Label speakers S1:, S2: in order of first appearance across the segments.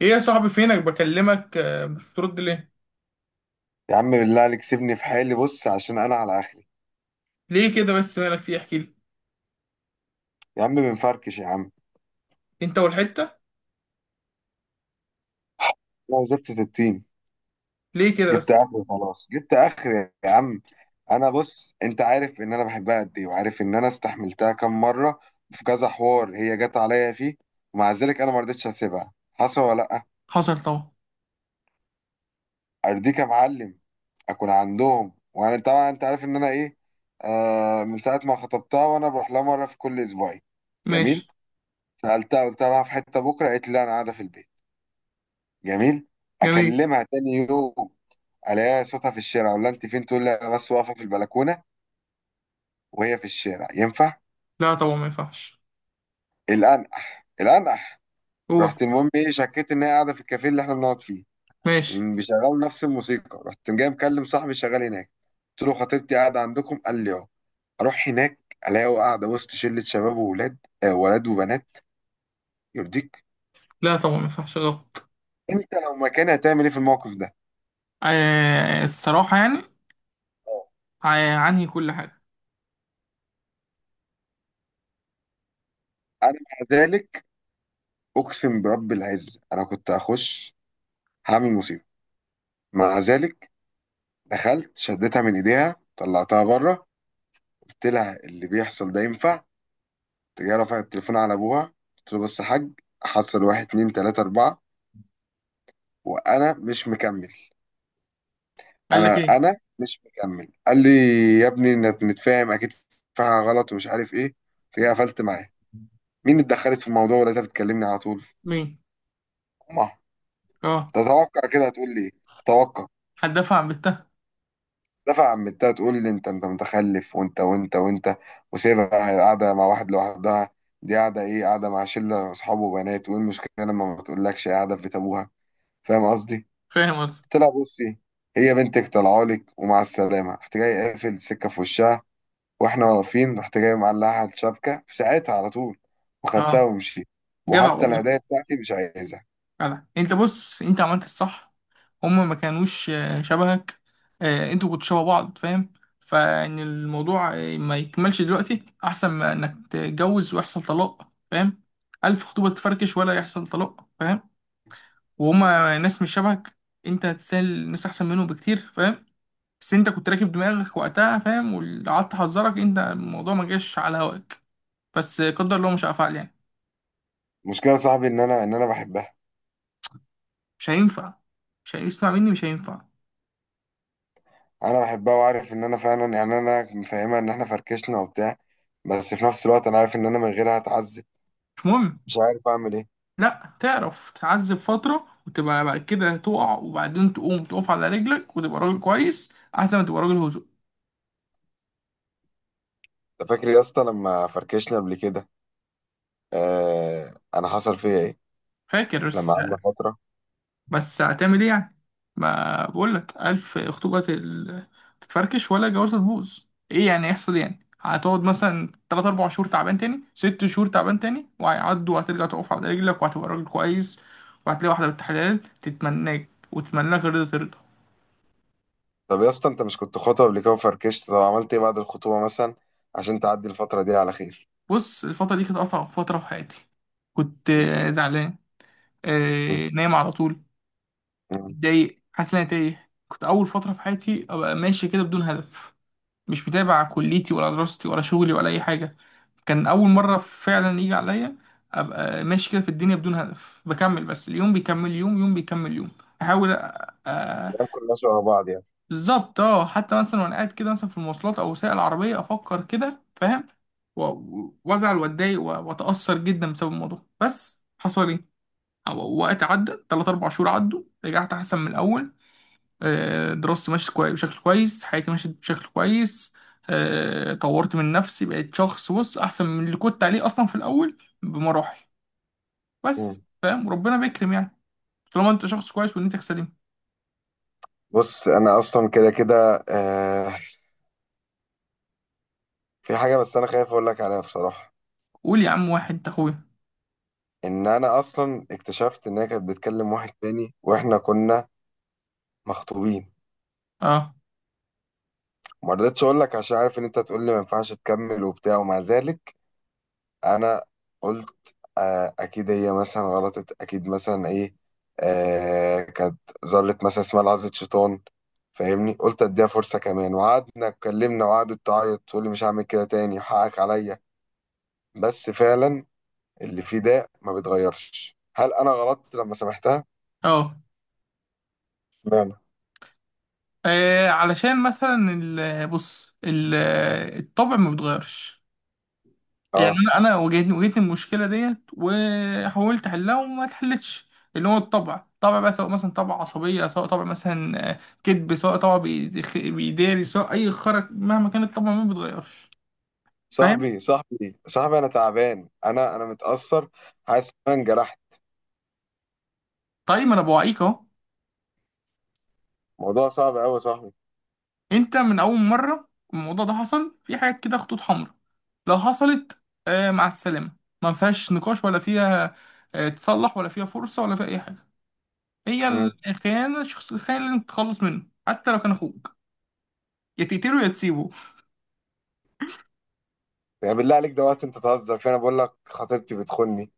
S1: ايه يا صاحبي؟ فينك؟ بكلمك، مش بترد ليه؟
S2: يا عم بالله عليك سيبني في حالي. بص، عشان انا على اخري.
S1: ليه كده بس؟ مالك فيه؟ احكي لي.
S2: يا عم بنفركش يا عم.
S1: انت والحته؟
S2: انا وزفت في التيم.
S1: ليه كده
S2: جبت
S1: بس؟
S2: اخري، خلاص جبت اخري يا عم. انا بص، انت عارف ان انا بحبها قد ايه، وعارف ان انا استحملتها كام مره في كذا حوار هي جت عليا فيه. ومع ذلك انا ما رضيتش اسيبها، حصل ولا لا؟
S1: حصل طبعا.
S2: ارضيك يا معلم. اكون عندهم، وانا طبعا انت عارف ان انا ايه. آه، من ساعه ما خطبتها وانا بروح لها مره في كل اسبوعين. جميل.
S1: ماشي.
S2: سالتها، قلت لها رايحة في حته بكره، قالت لي لا انا قاعده في البيت. جميل.
S1: جميل.
S2: اكلمها تاني يوم، الاقيها صوتها في الشارع. اقول لها انت فين، تقول لي انا بس واقفه في البلكونه. وهي في الشارع، ينفع؟
S1: لا طبعا، ما ينفعش.
S2: الانقح الانقح.
S1: قول.
S2: رحت، المهم ايه، شكيت ان هي قاعده في الكافيه اللي احنا بنقعد فيه.
S1: ماشي.
S2: بيشغلوا نفس الموسيقى. رحت جاي مكلم صاحبي شغال هناك، قلت له خطيبتي قاعده عندكم، قال لي اه. اروح هناك، الاقيه قاعده وسط شله شباب وولاد، آه ولاد وبنات. يرضيك؟
S1: لا طبعا ما ينفعش، غلط.
S2: انت لو مكاني هتعمل ايه في الموقف ده؟
S1: آه، الصراحه يعني،
S2: آه.
S1: آه، عنهي كل حاجه.
S2: انا مع ذلك، اقسم برب العزه انا كنت هخش هعمل مصيبه. مع ذلك، دخلت شدتها من ايديها طلعتها بره. قلت لها اللي بيحصل ده ينفع؟ تجي، رفعت التليفون على ابوها، قلت له بص يا حاج، حصل واحد اتنين تلاته اربعه، وانا مش مكمل.
S1: قال لك
S2: انا
S1: ايه؟
S2: انا مش مكمل. قال لي يا ابني انت، نتفاهم اكيد، فيها غلط، ومش عارف ايه. قلت له، قفلت معاه. مين اتدخلت في الموضوع، ولا انت بتكلمني على طول؟
S1: مين؟
S2: امها.
S1: اه،
S2: تتوقع كده هتقول لي ايه؟ اتوقع.
S1: هتدافع عن بنتها.
S2: دفع عمتها تقول لي انت انت متخلف، وانت وانت وانت، وسيبها قاعده مع واحد لوحدها. دي قاعده ايه، قاعده مع شله اصحاب وبنات. وايه المشكله لما ما تقولكش قاعده في بيت ابوها؟ فاهم قصدي.
S1: فاهم قصدي.
S2: قلت لها بصي، هي بنتك طلعالك، ومع السلامه. رحت جاي قافل السكه في وشها واحنا واقفين. رحت جاي معلقها على الشبكه في ساعتها على طول، وخدتها
S1: اه،
S2: ومشيت.
S1: جدع
S2: وحتى
S1: والله.
S2: الهدايا بتاعتي مش عايزها.
S1: جدع، انت بص، انت عملت الصح. هما ما كانوش شبهك. انتوا كنتوا شبه بعض، فاهم. فان الموضوع ما يكملش دلوقتي، احسن ما انك تتجوز ويحصل طلاق، فاهم. الف خطوبة تفركش ولا يحصل طلاق، فاهم. وهما ناس مش شبهك. انت هتسال ناس احسن منهم بكتير، فاهم. بس انت كنت راكب دماغك وقتها، فاهم، واللي قعدت احذرك انت الموضوع ما جاش على هواك. بس قدر الله مش هفعل يعني.
S2: المشكله يا صاحبي ان انا بحبها.
S1: مش هينفع، مش هيسمع مني، مش هينفع.
S2: انا بحبها، وعارف ان انا فعلا يعني انا مفهمها ان احنا فركشنا وبتاع. بس في نفس الوقت انا عارف ان انا من غيرها هتعذب.
S1: مش مهم.
S2: مش عارف اعمل ايه.
S1: لا، تعرف تتعذب فترة وتبقى بعد كده تقع، وبعدين تقوم تقف على رجلك وتبقى راجل كويس. أحسن ما تبقى راجل هزق.
S2: انت فاكر يا اسطى لما فركشنا قبل كده؟ آه، انا حصل فيا ايه
S1: فاكر
S2: لما
S1: بس.
S2: قعدنا فتره.
S1: بس هتعمل إيه يعني؟ ما بقولك ألف خطوبة تتفركش ولا جوازة تبوظ. إيه يعني يحصل يعني، هتقعد مثلا تلات أربع شهور تعبان، تاني ست شهور تعبان، تاني وهيعدوا وهترجع تقف على رجلك وهتبقى راجل كويس. وهتلاقي واحدة بنت حلال تتمناك وتتمناك، رضا ترضى.
S2: طب يا اسطى، انت مش كنت خطوه قبل كده وفركشت؟ طب عملت ايه بعد الخطوبه مثلا عشان تعدي الفتره دي على خير؟
S1: بص، الفترة دي كانت أصعب فترة في حياتي. كنت
S2: مم.
S1: زعلان،
S2: مم.
S1: نايم على طول،
S2: مم.
S1: متضايق، حاسس ان انا تايه، كنت اول فتره في حياتي ابقى ماشي كده بدون هدف. مش متابع كليتي ولا دراستي ولا شغلي ولا اي حاجه. كان اول مره فعلا يجي عليا ابقى ماشي كده في الدنيا بدون هدف، بكمل بس اليوم بيكمل يوم، يوم بيكمل يوم. احاول أ-
S2: الايام كلها شبه بعض يعني.
S1: بالظبط اه، حتى مثلا وانا قاعد كده مثلا في المواصلات او وسائل العربيه افكر كده، فاهم، وازعل واتضايق واتاثر جدا بسبب الموضوع، بس حصل ايه؟ وقت عدى تلات أربع شهور عدوا، رجعت أحسن من الأول. دراستي ماشية بشكل كويس، حياتي ماشية بشكل كويس. طورت من نفسي، بقيت شخص، بص، أحسن من اللي كنت عليه أصلا في الأول بمراحل.
S2: مم.
S1: بس فاهم، وربنا بيكرم يعني. طالما أنت شخص كويس ونيتك سليمة.
S2: بص انا اصلا كده كده آه. في حاجه بس انا خايف اقول لك عليها بصراحه.
S1: قول يا عم، واحد أنت أخويا.
S2: ان انا اصلا اكتشفت ان هي كانت بتكلم واحد تاني واحنا كنا مخطوبين.
S1: أه.
S2: ما رضيتش اقول لك عشان عارف ان انت هتقول لي ما ينفعش تكمل وبتاع. ومع ذلك انا قلت آه اكيد هي مثلا غلطت، اكيد مثلا ايه، آه كانت ذره مثلا، اسمها لحظه شيطان، فاهمني. قلت اديها فرصه كمان، وقعدنا اتكلمنا، وقعدت تعيط تقول لي مش هعمل كده تاني حقك عليا. بس فعلا اللي فيه ده ما بيتغيرش. هل انا غلطت لما سامحتها؟
S1: أه.
S2: اشمعنى؟
S1: علشان مثلا الطبع ما بيتغيرش. يعني
S2: اه.
S1: انا واجهتني المشكله ديت، وحاولت احلها وما اتحلتش. اللي هو الطبع طبع بقى، سواء مثلا طبع عصبيه، سواء طبع مثلا كذب، سواء طبع بيداري، سواء اي خرج، مهما كان الطبع ما بيتغيرش. فاهم.
S2: صاحبي صاحبي صاحبي، انا تعبان، انا متاثر، حاسس ان انا انجرحت.
S1: طيب ما انا بوعيك اهو.
S2: موضوع صعب قوي يا صاحبي.
S1: انت من اول مره الموضوع ده حصل في حاجات كده خطوط حمراء، لو حصلت، آه، مع السلامه، ما فيهاش نقاش ولا فيها تصلح ولا فيها فرصه ولا فيها اي حاجه. هي
S2: امم.
S1: الخيانه، الشخص الخاين لازم تتخلص منه حتى لو كان اخوك. يا تقتله يا تسيبه.
S2: يعني بالله عليك ده وقت انت تهزر فيه؟ انا بقول لك خطيبتي بتخوني،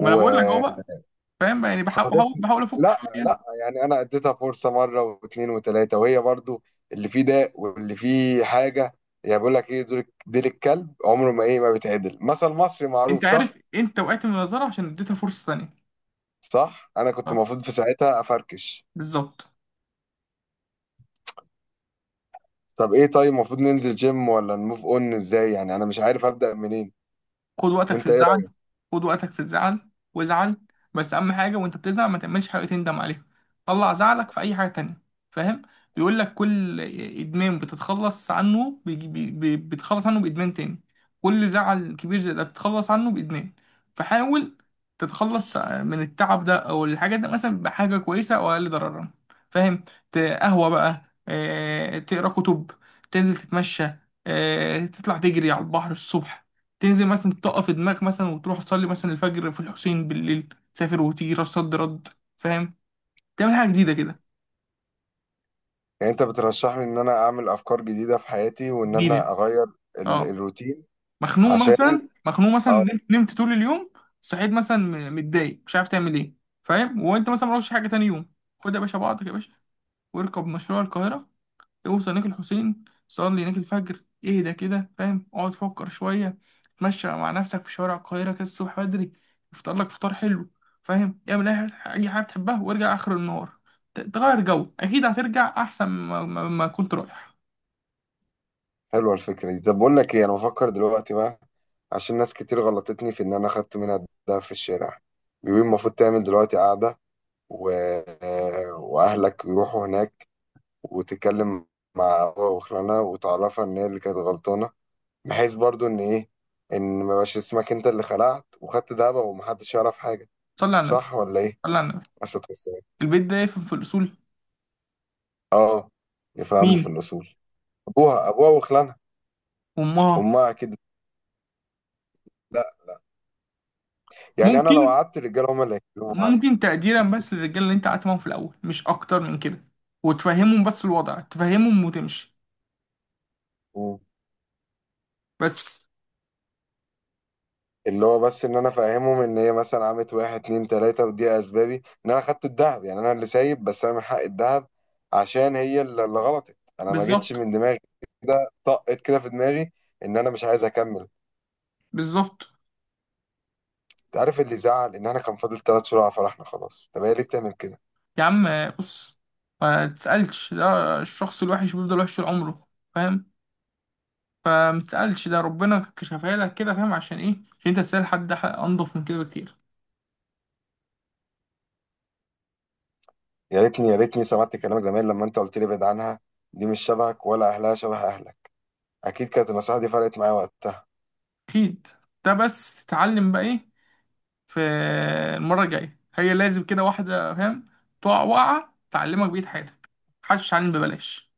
S1: ما انا بقول لك اهو بقى. فاهم بقى، يعني بحاول بحاول بحاول افك
S2: لا
S1: شويه يعني.
S2: لا، يعني انا اديتها فرصه مره واثنين وثلاثه، وهي برضو اللي فيه داء واللي فيه حاجه. يعني بقول لك ايه، دول ديل الكلب عمره ما ايه، ما بيتعدل، مثل مصري
S1: انت
S2: معروف، صح؟
S1: عارف انت وقعت من النظاره عشان اديتها فرصه ثانيه.
S2: صح، انا كنت
S1: اه.
S2: المفروض في ساعتها افركش.
S1: بالظبط.
S2: طب ايه، طيب المفروض ننزل جيم ولا نموف اون؟ ازاي يعني، انا مش عارف ابدا منين.
S1: خد وقتك في
S2: انت ايه
S1: الزعل.
S2: رأيك؟
S1: خد وقتك في الزعل، وازعل. بس اهم حاجه وانت بتزعل ما تعملش حاجه تندم عليها. طلع زعلك في اي حاجه تانية، فاهم. بيقول لك كل ادمان بتتخلص عنه، بتتخلص عنه بادمان تاني. كل زعل كبير زي ده بتتخلص عنه بادمان. فحاول تتخلص من التعب ده او الحاجات ده مثلا بحاجه كويسه او اقل ضررا، فاهم. قهوه بقى، تقرا كتب، تنزل تتمشى، تطلع تجري على البحر الصبح، تنزل مثلا تقف دماغك مثلا وتروح تصلي مثلا الفجر في الحسين بالليل، تسافر وتيجي راس صد رد، فاهم، تعمل حاجه جديده كده،
S2: يعني انت بترشح لي ان انا اعمل افكار جديدة في حياتي، وان
S1: جديده.
S2: انا اغير ال
S1: اه.
S2: الروتين
S1: مخنوق
S2: عشان
S1: مثلا، مخنوق مثلا،
S2: اه.
S1: نمت نمت طول اليوم، صحيت مثلا متضايق، مش عارف تعمل ايه، فاهم، وانت مثلا ما روحتش حاجه تاني يوم. خد يا باشا بعضك يا باشا، واركب مشروع القاهره، اوصل هناك الحسين، صلي هناك الفجر، اهدى كده، فاهم، اقعد فكر شوية، اتمشى مع نفسك في شوارع القاهرة كده الصبح بدري، افطر لك فطار حلو، فاهم، اعمل اي حاجة أي حاجة بتحبها، وارجع آخر النهار. تغير جو، أكيد هترجع أحسن ما كنت رايح.
S2: حلوة الفكرة دي. طب بقول لك ايه، انا بفكر دلوقتي بقى، عشان ناس كتير غلطتني في ان انا خدت منها الدهب في الشارع. بيقولوا المفروض تعمل دلوقتي قعدة و... واهلك يروحوا هناك وتتكلم مع أبوها وخلانها، وتعرفها ان هي اللي كانت غلطانة، بحيث برضو ان ايه، ان ما يبقاش اسمك انت اللي خلعت وخدت دهب ومحدش يعرف حاجة.
S1: صلي على النبي.
S2: صح ولا ايه؟
S1: صلي على النبي.
S2: بس
S1: البيت ده يفهم في الأصول.
S2: اه. يفهموا في
S1: مين؟
S2: الاصول. ابوها وخلانها.
S1: أمها.
S2: امها اكيد. لا، يعني انا لو
S1: ممكن.
S2: قعدت الرجاله هم اللي هيتكلموا معايا.
S1: ممكن تقديرا بس للرجالة اللي أنت قعدت معاهم في الأول، مش أكتر من كده. وتفهمهم بس الوضع، تفهمهم وتمشي،
S2: مم.
S1: بس.
S2: اللي هو بس ان انا فاهمهم ان هي مثلا عملت واحد اتنين تلاته، ودي اسبابي ان انا خدت الذهب، يعني انا اللي سايب بس انا من حق الذهب، عشان هي اللي غلطت. انا ما جيتش
S1: بالظبط.
S2: من دماغي، كده طقت كده في دماغي ان انا مش عايز اكمل.
S1: بالظبط.
S2: انت عارف اللي زعل ان انا كان فاضل ثلاث شهور على فرحنا خلاص، طب هي ليه بتعمل كده؟
S1: يا عم، بص، ما تسألش، ده الشخص الوحش بيفضل وحش طول عمره، فاهم. فما تسألش، ده ربنا كشفها لك كده، فاهم، عشان ايه؟ عشان انت تسأل حد انضف من كده بكتير.
S2: يا ريتني يا ريتني سمعت كلامك زمان لما انت قلت لي ابعد عنها، دي مش شبهك ولا اهلها شبه اهلك. اكيد كانت النصيحه دي فرقت معايا وقتها.
S1: اكيد. ده بس تتعلم بقى ايه في المرة الجاية. هي لازم كده واحدة، فاهم، تقع وقعة تعلمك بقية حياتك. محدش يتعلم ببلاش.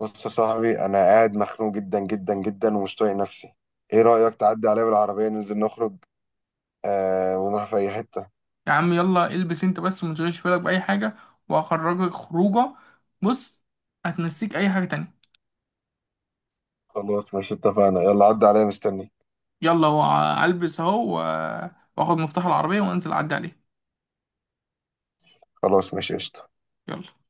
S2: بص يا صاحبي، انا قاعد مخنوق جدا جدا جدا، ومش طايق نفسي. ايه رايك تعدي عليا بالعربيه ننزل نخرج، آه ونروح في اي حته؟
S1: يا عم يلا البس انت بس، وما تشغلش بالك بأي حاجة، وهخرجك خروجة. بص، هتنسيك أي حاجة تانية.
S2: خلاص ماشي، اتفقنا. يلا عدي عليا، مستني.
S1: يلا، هو البس اهو واخد مفتاح العربية وانزل اعدي عليه.
S2: خلاص ماشي، قشطه.
S1: يلا.